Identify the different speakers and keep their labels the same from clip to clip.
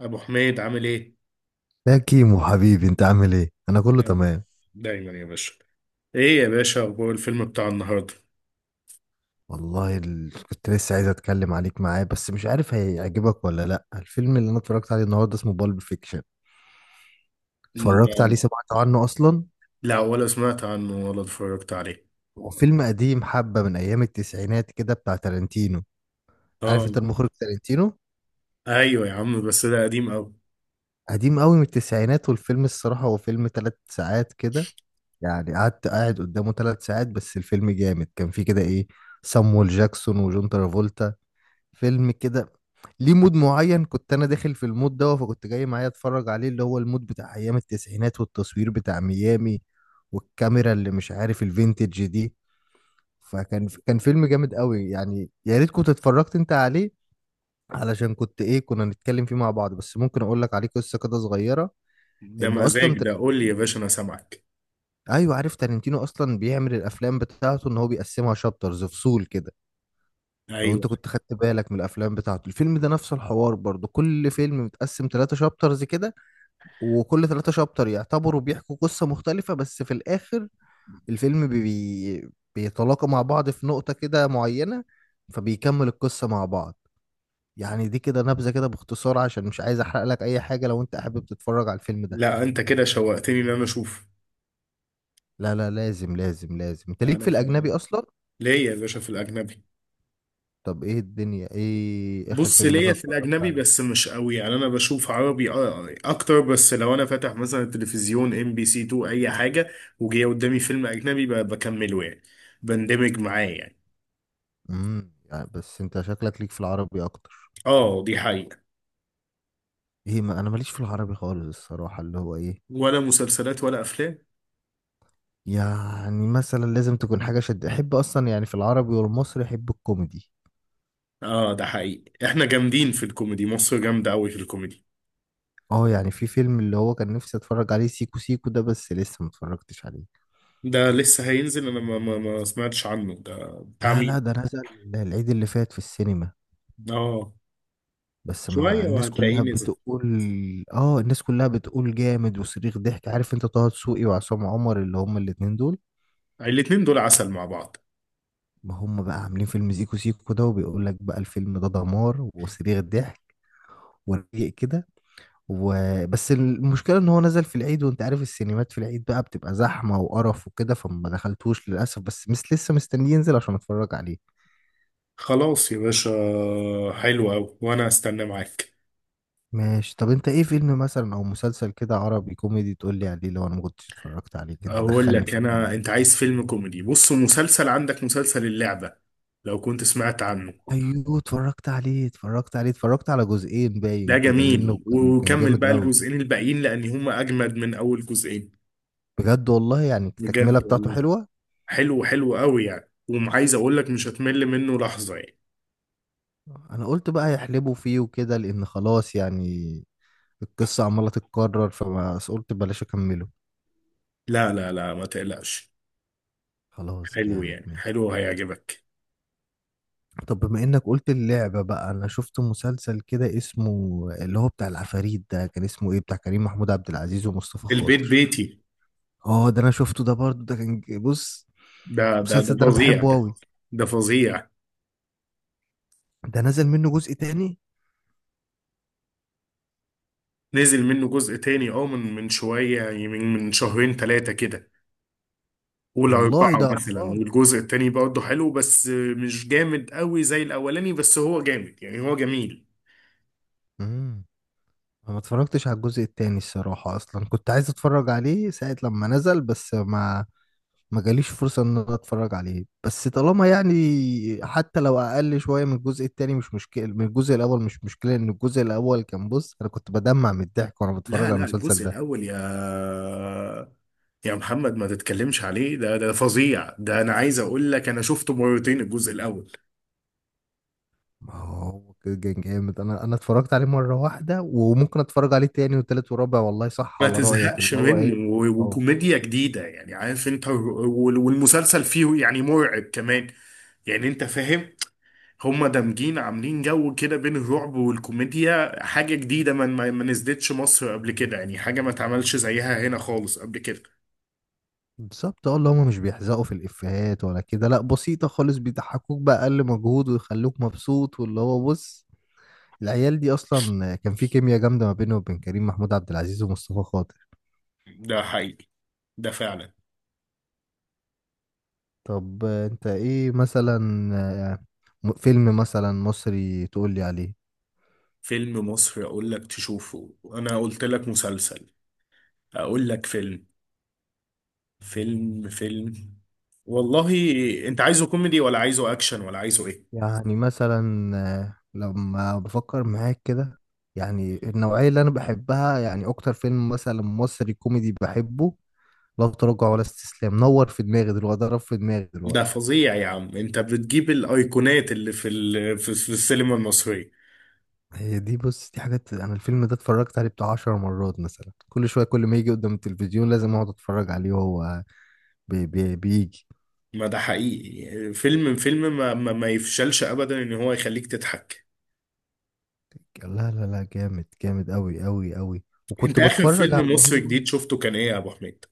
Speaker 1: ابو حميد عامل ايه؟
Speaker 2: لا، كيمو حبيبي، انت عامل ايه؟ انا كله
Speaker 1: دايما.
Speaker 2: تمام.
Speaker 1: دايما يا باشا. ايه يا باشا اخبار الفيلم بتاع النهارده؟
Speaker 2: والله كنت لسه عايز اتكلم عليك معاه، بس مش عارف هيعجبك ولا لا. الفيلم اللي انا اتفرجت عليه النهارده اسمه بالب فيكشن. اتفرجت عليه؟
Speaker 1: نعم.
Speaker 2: سمعت عنه اصلا؟
Speaker 1: لا، ولا سمعت عنه ولا اتفرجت عليه.
Speaker 2: هو فيلم قديم، حبه من ايام التسعينات كده، بتاع تارانتينو. عارف انت
Speaker 1: اه.
Speaker 2: المخرج تارانتينو؟
Speaker 1: ايوه يا عم بس ده قديم قوي.
Speaker 2: قديم قوي، من التسعينات. والفيلم الصراحه هو فيلم 3 ساعات كده، يعني قاعد قدامه 3 ساعات، بس الفيلم جامد. كان فيه كده ايه، سامويل جاكسون وجون ترافولتا. فيلم كده ليه مود معين، كنت انا داخل في المود ده، فكنت جاي معايا اتفرج عليه، اللي هو المود بتاع ايام التسعينات والتصوير بتاع ميامي والكاميرا اللي مش عارف الفينتج دي. فكان فيلم جامد قوي، يعني يا ريت كنت اتفرجت انت عليه، علشان كنت ايه، كنا نتكلم فيه مع بعض. بس ممكن اقول لك عليه قصة كده صغيرة.
Speaker 1: ده
Speaker 2: ان اصلا
Speaker 1: مزاج، ده قول لي يا
Speaker 2: تارنتينو-
Speaker 1: باشا انا سامعك.
Speaker 2: ايوه، عارف تارنتينو اصلا بيعمل الافلام بتاعته ان هو بيقسمها شابترز، فصول كده. لو
Speaker 1: ايوه.
Speaker 2: انت كنت خدت بالك من الافلام بتاعته، الفيلم ده نفس الحوار برضو، كل فيلم متقسم 3 شابترز كده، وكل 3 شابتر يعتبروا بيحكوا قصة مختلفة، بس في الاخر الفيلم بيتلاقى مع بعض في نقطة كده معينة، فبيكمل القصة مع بعض. يعني دي كده نبذة كده باختصار، عشان مش عايز احرق لك اي حاجة لو انت حابب تتفرج على الفيلم ده.
Speaker 1: لا انت كده شوقتني ان انا اشوف.
Speaker 2: لا لا، لازم لازم لازم، انت ليك
Speaker 1: انا
Speaker 2: في
Speaker 1: خ-
Speaker 2: الاجنبي اصلا.
Speaker 1: ليه يا باشا في الاجنبي؟
Speaker 2: طب ايه الدنيا، ايه اخر
Speaker 1: بص
Speaker 2: فيلم
Speaker 1: ليا
Speaker 2: مثلا
Speaker 1: في
Speaker 2: اتفرجت
Speaker 1: الاجنبي
Speaker 2: عليه؟
Speaker 1: بس مش قوي، يعني انا بشوف عربي اكتر. بس لو انا فاتح مثلا التلفزيون ام بي سي 2 اي حاجه، وجاي قدامي فيلم اجنبي بكمله يعني. بندمج معاه يعني.
Speaker 2: يعني بس انت شكلك ليك في العربي اكتر.
Speaker 1: اه دي حقيقه.
Speaker 2: ايه، ما انا ماليش في العربي خالص الصراحه، اللي هو ايه،
Speaker 1: ولا مسلسلات ولا افلام.
Speaker 2: يعني مثلا لازم تكون حاجه شد، احب اصلا يعني في العربي والمصري احب الكوميدي.
Speaker 1: اه ده حقيقي، احنا جامدين في الكوميدي، مصر جامده قوي في الكوميدي.
Speaker 2: اه، يعني في فيلم، اللي هو كان نفسي اتفرج عليه سيكو سيكو ده، بس لسه ما اتفرجتش عليه.
Speaker 1: ده لسه هينزل، انا ما سمعتش عنه، ده بتاع
Speaker 2: لا لا،
Speaker 1: مين؟
Speaker 2: ده نزل العيد اللي فات في السينما،
Speaker 1: اه.
Speaker 2: بس مع
Speaker 1: شويه
Speaker 2: الناس
Speaker 1: وهتلاقيه
Speaker 2: كلها
Speaker 1: نزل.
Speaker 2: بتقول. اه، الناس كلها بتقول جامد وصريخ ضحك. عارف انت طه دسوقي وعصام عمر اللي هم الاتنين دول؟
Speaker 1: الاتنين دول عسل مع بعض.
Speaker 2: ما هم بقى عاملين فيلم سيكو سيكو ده، وبيقول لك بقى الفيلم ده دمار وصريخ ضحك ورقيق كده و... بس المشكلة ان هو نزل في العيد، وانت عارف السينمات في العيد بقى بتبقى زحمة وقرف وكده، فما دخلتوش للأسف، بس مس لسه مستني ينزل عشان اتفرج عليه.
Speaker 1: خلاص يا باشا. حلو أوي وأنا أستنى معاك.
Speaker 2: ماشي. طب انت ايه فيلم مثلا او مسلسل كده عربي كوميدي تقول لي عليه، لو انا ما كنتش اتفرجت عليه كده،
Speaker 1: اقول
Speaker 2: تدخلني
Speaker 1: لك
Speaker 2: في اليوم؟
Speaker 1: انا، انت عايز فيلم كوميدي؟ بص، مسلسل عندك مسلسل اللعبة لو كنت سمعت عنه.
Speaker 2: ايوه اتفرجت عليه، اتفرجت عليه، اتفرجت على جزئين باين
Speaker 1: ده
Speaker 2: كده منه.
Speaker 1: جميل،
Speaker 2: كان
Speaker 1: وكمل
Speaker 2: جامد
Speaker 1: بقى
Speaker 2: قوي.
Speaker 1: الجزئين الباقيين لان هما اجمد من اول جزئين.
Speaker 2: بجد والله، يعني التكملة
Speaker 1: بجد
Speaker 2: بتاعته
Speaker 1: والله.
Speaker 2: حلوة.
Speaker 1: حلو، حلو قوي يعني، وعايز اقول لك مش هتمل منه لحظة يعني.
Speaker 2: انا قلت بقى يحلبوا فيه وكده، لان خلاص يعني القصة عمالة تتكرر، فبس قلت بلاش اكمله.
Speaker 1: لا لا لا ما تقلقش.
Speaker 2: خلاص،
Speaker 1: حلو
Speaker 2: جامد،
Speaker 1: يعني،
Speaker 2: ماشي.
Speaker 1: حلو هيعجبك.
Speaker 2: طب بما انك قلت اللعبة بقى، انا شفت مسلسل كده اسمه، اللي هو بتاع العفاريت ده، كان اسمه ايه، بتاع كريم محمود عبد العزيز ومصطفى
Speaker 1: البيت
Speaker 2: خاطر.
Speaker 1: بيتي.
Speaker 2: اه، ده انا شفته ده برضو. ده كان بص،
Speaker 1: ده
Speaker 2: المسلسل ده انا
Speaker 1: فظيع
Speaker 2: بحبه
Speaker 1: ده.
Speaker 2: قوي.
Speaker 1: ده فظيع.
Speaker 2: ده نزل منه جزء تاني؟
Speaker 1: نزل منه جزء تاني اه، من شوية يعني، من شهرين ثلاثة كده. قول
Speaker 2: والله
Speaker 1: أربعة
Speaker 2: ده
Speaker 1: مثلا.
Speaker 2: اطلال.
Speaker 1: والجزء التاني برضه حلو، بس مش جامد قوي زي الأولاني، بس هو جامد يعني، هو جميل.
Speaker 2: امم انا ما اتفرجتش على الجزء التاني الصراحة، اصلا كنت عايز اتفرج عليه ساعة لما نزل، بس ما جاليش فرصة ان انا اتفرج عليه. بس طالما يعني حتى لو اقل شوية من الجزء التاني، مش مشكلة، من الجزء الاول مش مشكلة، ان الجزء الاول كان، بص، انا كنت بدمع من الضحك وانا بتفرج
Speaker 1: لا
Speaker 2: على
Speaker 1: لا
Speaker 2: المسلسل
Speaker 1: الجزء
Speaker 2: ده.
Speaker 1: الأول يا محمد ما تتكلمش عليه، ده فظيع ده، أنا عايز أقول لك أنا شفته مرتين الجزء الأول.
Speaker 2: ما هو كده كان جامد، انا اتفرجت عليه مرة واحدة، وممكن اتفرج عليه تاني وتالت ورابع. والله صح
Speaker 1: ما
Speaker 2: على رأيك،
Speaker 1: تزهقش
Speaker 2: اللي هو
Speaker 1: منه،
Speaker 2: ايه. اه
Speaker 1: وكوميديا جديدة يعني، عارف أنت والمسلسل فيه يعني مرعب كمان. يعني أنت فاهم. هما دامجين عاملين جو كده بين الرعب والكوميديا، حاجة جديدة ما نزلتش مصر قبل كده يعني، حاجة ما اتعملش زيها هنا خالص قبل كده.
Speaker 2: بالظبط. اه، اللي هما مش بيحزقوا في الافيهات ولا كده، لا بسيطة خالص، بيضحكوك بأقل مجهود ويخلوك مبسوط، واللي هو بص، العيال دي اصلا كان في كيمياء جامده ما بينه وبين كريم محمود عبد العزيز ومصطفى خاطر.
Speaker 1: ده حقيقي، ده فعلا.
Speaker 2: طب انت ايه مثلا، آه، فيلم مثلا مصري تقول لي عليه؟
Speaker 1: فيلم مصر اقول لك تشوفه، انا قلت لك مسلسل، اقول لك فيلم. فيلم فيلم. والله انت عايزه كوميدي ولا عايزه اكشن ولا عايزه ايه؟
Speaker 2: يعني مثلا، لما بفكر معاك كده، يعني النوعيه اللي انا بحبها، يعني اكتر فيلم مثلا مصري كوميدي بحبه، لا تراجع ولا استسلام نور في دماغي دلوقتي، ضرب في دماغي
Speaker 1: ده
Speaker 2: دلوقتي.
Speaker 1: فظيع يا عم، انت بتجيب الايقونات اللي في ال... في في السينما المصرية.
Speaker 2: هي دي، بص، دي حاجات، انا الفيلم ده اتفرجت عليه بتاع 10 مرات مثلا. كل شويه، كل ما يجي قدام التلفزيون، لازم اقعد اتفرج عليه وهو بي بي بيجي.
Speaker 1: ما ده حقيقي، فيلم فيلم ما يفشلش ابدا ان هو يخليك تضحك.
Speaker 2: لا لا لا، جامد جامد قوي قوي قوي.
Speaker 1: انت
Speaker 2: وكنت
Speaker 1: اخر
Speaker 2: بتفرج على
Speaker 1: فيلم
Speaker 2: اللي
Speaker 1: مصري
Speaker 2: هو،
Speaker 1: جديد شفته كان ايه يا ابو حميد؟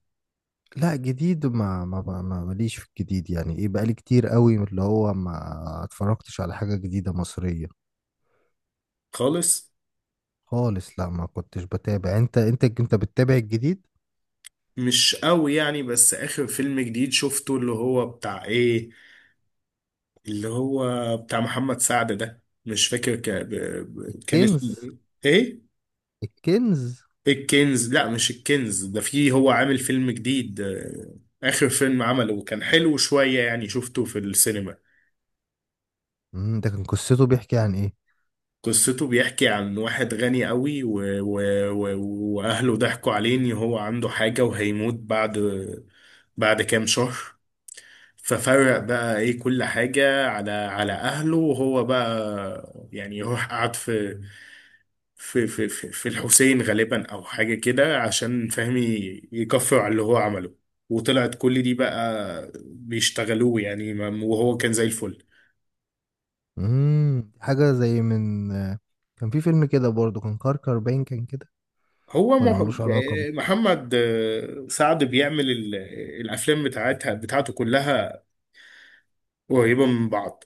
Speaker 2: لا جديد، ماليش في الجديد يعني، ايه، بقالي كتير قوي من اللي هو ما اتفرجتش على حاجة جديدة مصرية
Speaker 1: خالص.
Speaker 2: خالص. لا، ما كنتش بتابع. انت بتتابع الجديد؟
Speaker 1: مش قوي يعني، بس اخر فيلم جديد شفته اللي هو بتاع ايه، اللي هو بتاع محمد سعد، ده مش فاكر كان اسمه
Speaker 2: الكنز.
Speaker 1: ايه؟ ايه؟
Speaker 2: الكنز.
Speaker 1: الكنز؟ لا مش الكنز، ده فيه هو عامل فيلم جديد، اخر فيلم عمله، وكان حلو شوية يعني، شفته في السينما.
Speaker 2: ده كان قصته بيحكي عن ايه؟
Speaker 1: قصته بيحكي عن واحد غني قوي و... و... واهله ضحكوا عليه ان هو عنده حاجة وهيموت بعد بعد كام شهر. ففرق بقى ايه كل حاجة على على اهله، وهو بقى يعني يروح قعد في في الحسين غالبا او حاجة كده، عشان فهمي يكفر على اللي هو عمله. وطلعت كل دي بقى بيشتغلوه يعني، وهو كان زي الفل.
Speaker 2: حاجة زي من آه، كان في فيلم كده برضه كان كركر باين، كان كده،
Speaker 1: هو
Speaker 2: ولا ملوش علاقة
Speaker 1: محمد سعد بيعمل الافلام بتاعتها بتاعته كلها، قريبه من بعض.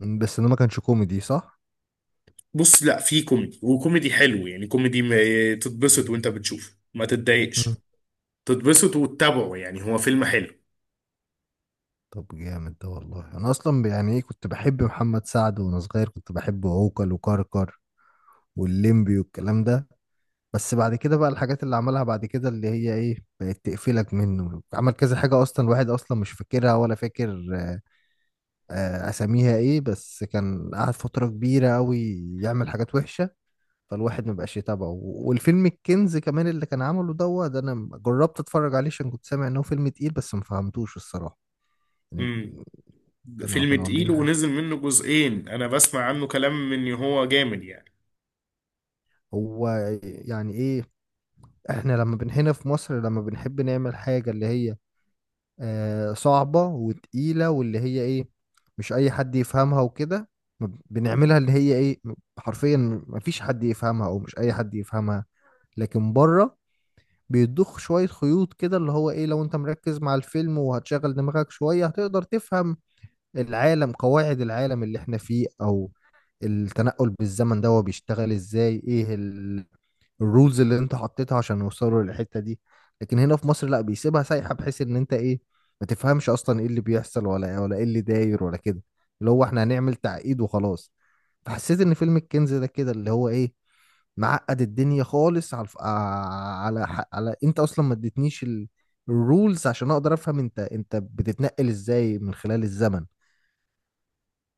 Speaker 2: بس ده ما كانش كوميدي، صح؟
Speaker 1: بص لا في كوميدي، وكوميدي حلو يعني، كوميدي ما تتبسط وانت بتشوفه، ما تتضايقش، تتبسط وتتابعه يعني، هو فيلم حلو.
Speaker 2: طب جامد ده والله. انا اصلا يعني، ايه، كنت بحب محمد سعد وانا صغير، كنت بحب عوكل وكركر والليمبي والكلام ده، بس بعد كده بقى، الحاجات اللي عملها بعد كده، اللي هي ايه، بقت تقفلك منه. عمل كذا حاجة اصلا الواحد اصلا مش فاكرها، ولا فاكر اساميها ايه، بس كان قعد فترة كبيرة قوي يعمل حاجات وحشة، فالواحد ما بقاش يتابعه. والفيلم الكنز كمان اللي كان عمله دوت، انا جربت اتفرج عليه عشان كنت سامع انه فيلم تقيل، بس ما فهمتوش الصراحة، يعني.
Speaker 1: امم.
Speaker 2: كانوا
Speaker 1: فيلم
Speaker 2: كانوا
Speaker 1: تقيل
Speaker 2: عاملين،
Speaker 1: ونزل منه جزئين، انا بسمع عنه كلام ان هو جامد يعني.
Speaker 2: هو يعني ايه، احنا لما بن هنا في مصر، لما بنحب نعمل حاجة اللي هي صعبة وتقيلة، واللي هي ايه، مش اي حد يفهمها وكده، ما ب- بنعملها اللي هي ايه، حرفيا مفيش حد يفهمها، او مش اي حد يفهمها. لكن بره بيضخ شوية خيوط كده، اللي هو ايه، لو انت مركز مع الفيلم وهتشغل دماغك شوية هتقدر تفهم العالم، قواعد العالم اللي احنا فيه، او التنقل بالزمن ده هو بيشتغل ازاي، ايه الرولز اللي انت حطيتها عشان يوصلوا للحتة دي. لكن هنا في مصر لا، بيسيبها سايحة، بحيث ان انت ايه، ما تفهمش اصلا ايه اللي بيحصل، ولا ولا ايه اللي داير ولا كده، اللي هو احنا هنعمل تعقيد وخلاص. فحسيت ان فيلم الكنز ده كده، اللي هو ايه، معقد الدنيا خالص، على على على انت اصلا ما اديتنيش الرولز عشان اقدر افهم انت، انت بتتنقل ازاي من خلال الزمن.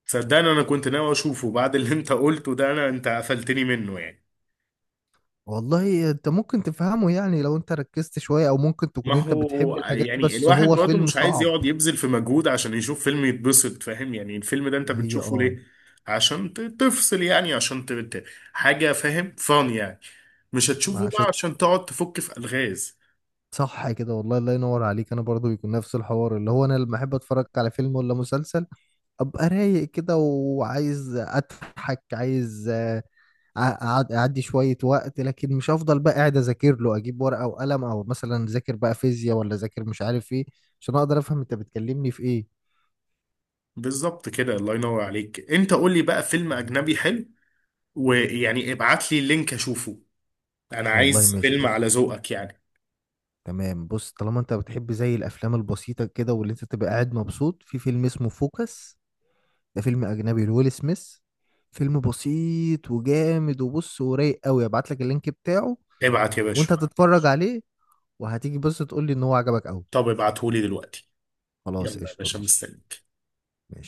Speaker 1: صدقني انا كنت ناوي اشوفه، بعد اللي انت قلته ده انا انت قفلتني منه يعني.
Speaker 2: والله انت ممكن تفهمه، يعني لو انت ركزت شوية، او ممكن
Speaker 1: ما
Speaker 2: تكون انت بتحب
Speaker 1: هو
Speaker 2: الحاجات دي،
Speaker 1: يعني
Speaker 2: بس
Speaker 1: الواحد
Speaker 2: هو
Speaker 1: برضه
Speaker 2: فيلم
Speaker 1: مش عايز
Speaker 2: صعب.
Speaker 1: يقعد يبذل في مجهود عشان يشوف فيلم يتبسط، فاهم يعني؟ الفيلم ده انت
Speaker 2: ما هي
Speaker 1: بتشوفه
Speaker 2: اه،
Speaker 1: ليه؟ عشان تفصل يعني، عشان حاجة، فاهم فان يعني. مش
Speaker 2: ما
Speaker 1: هتشوفه بقى
Speaker 2: عشان،
Speaker 1: عشان تقعد تفك في ألغاز.
Speaker 2: صح كده والله. الله ينور عليك. انا برضو بيكون نفس الحوار، اللي هو انا لما احب اتفرج على فيلم ولا مسلسل، ابقى رايق كده وعايز اضحك، عايز اعدي شوية وقت، لكن مش هفضل بقى قاعد اذاكر له، اجيب ورقة وقلم، او مثلا ذاكر بقى فيزياء، ولا ذاكر مش عارف ايه، عشان اقدر افهم انت بتكلمني في ايه.
Speaker 1: بالظبط كده، الله ينور عليك. انت قول لي بقى فيلم أجنبي حلو، ويعني ابعت لي اللينك أشوفه، أنا
Speaker 2: والله
Speaker 1: عايز
Speaker 2: ماشي،
Speaker 1: فيلم على
Speaker 2: بص،
Speaker 1: ذوقك يعني.
Speaker 2: تمام. بص، طالما انت بتحب زي الافلام البسيطة كده، واللي انت تبقى قاعد مبسوط، في فيلم اسمه فوكس، ده فيلم اجنبي لويل سميث، فيلم بسيط وجامد، وبص ورايق قوي. ابعت لك اللينك بتاعه،
Speaker 1: ابعت يا
Speaker 2: وانت
Speaker 1: باشا.
Speaker 2: هتتفرج عليه وهتيجي، بص، تقول لي ان هو عجبك قوي.
Speaker 1: طب ابعته لي دلوقتي.
Speaker 2: خلاص
Speaker 1: يلا يا
Speaker 2: قشطه،
Speaker 1: باشا
Speaker 2: ماشي.
Speaker 1: مستنيك.
Speaker 2: ماشي.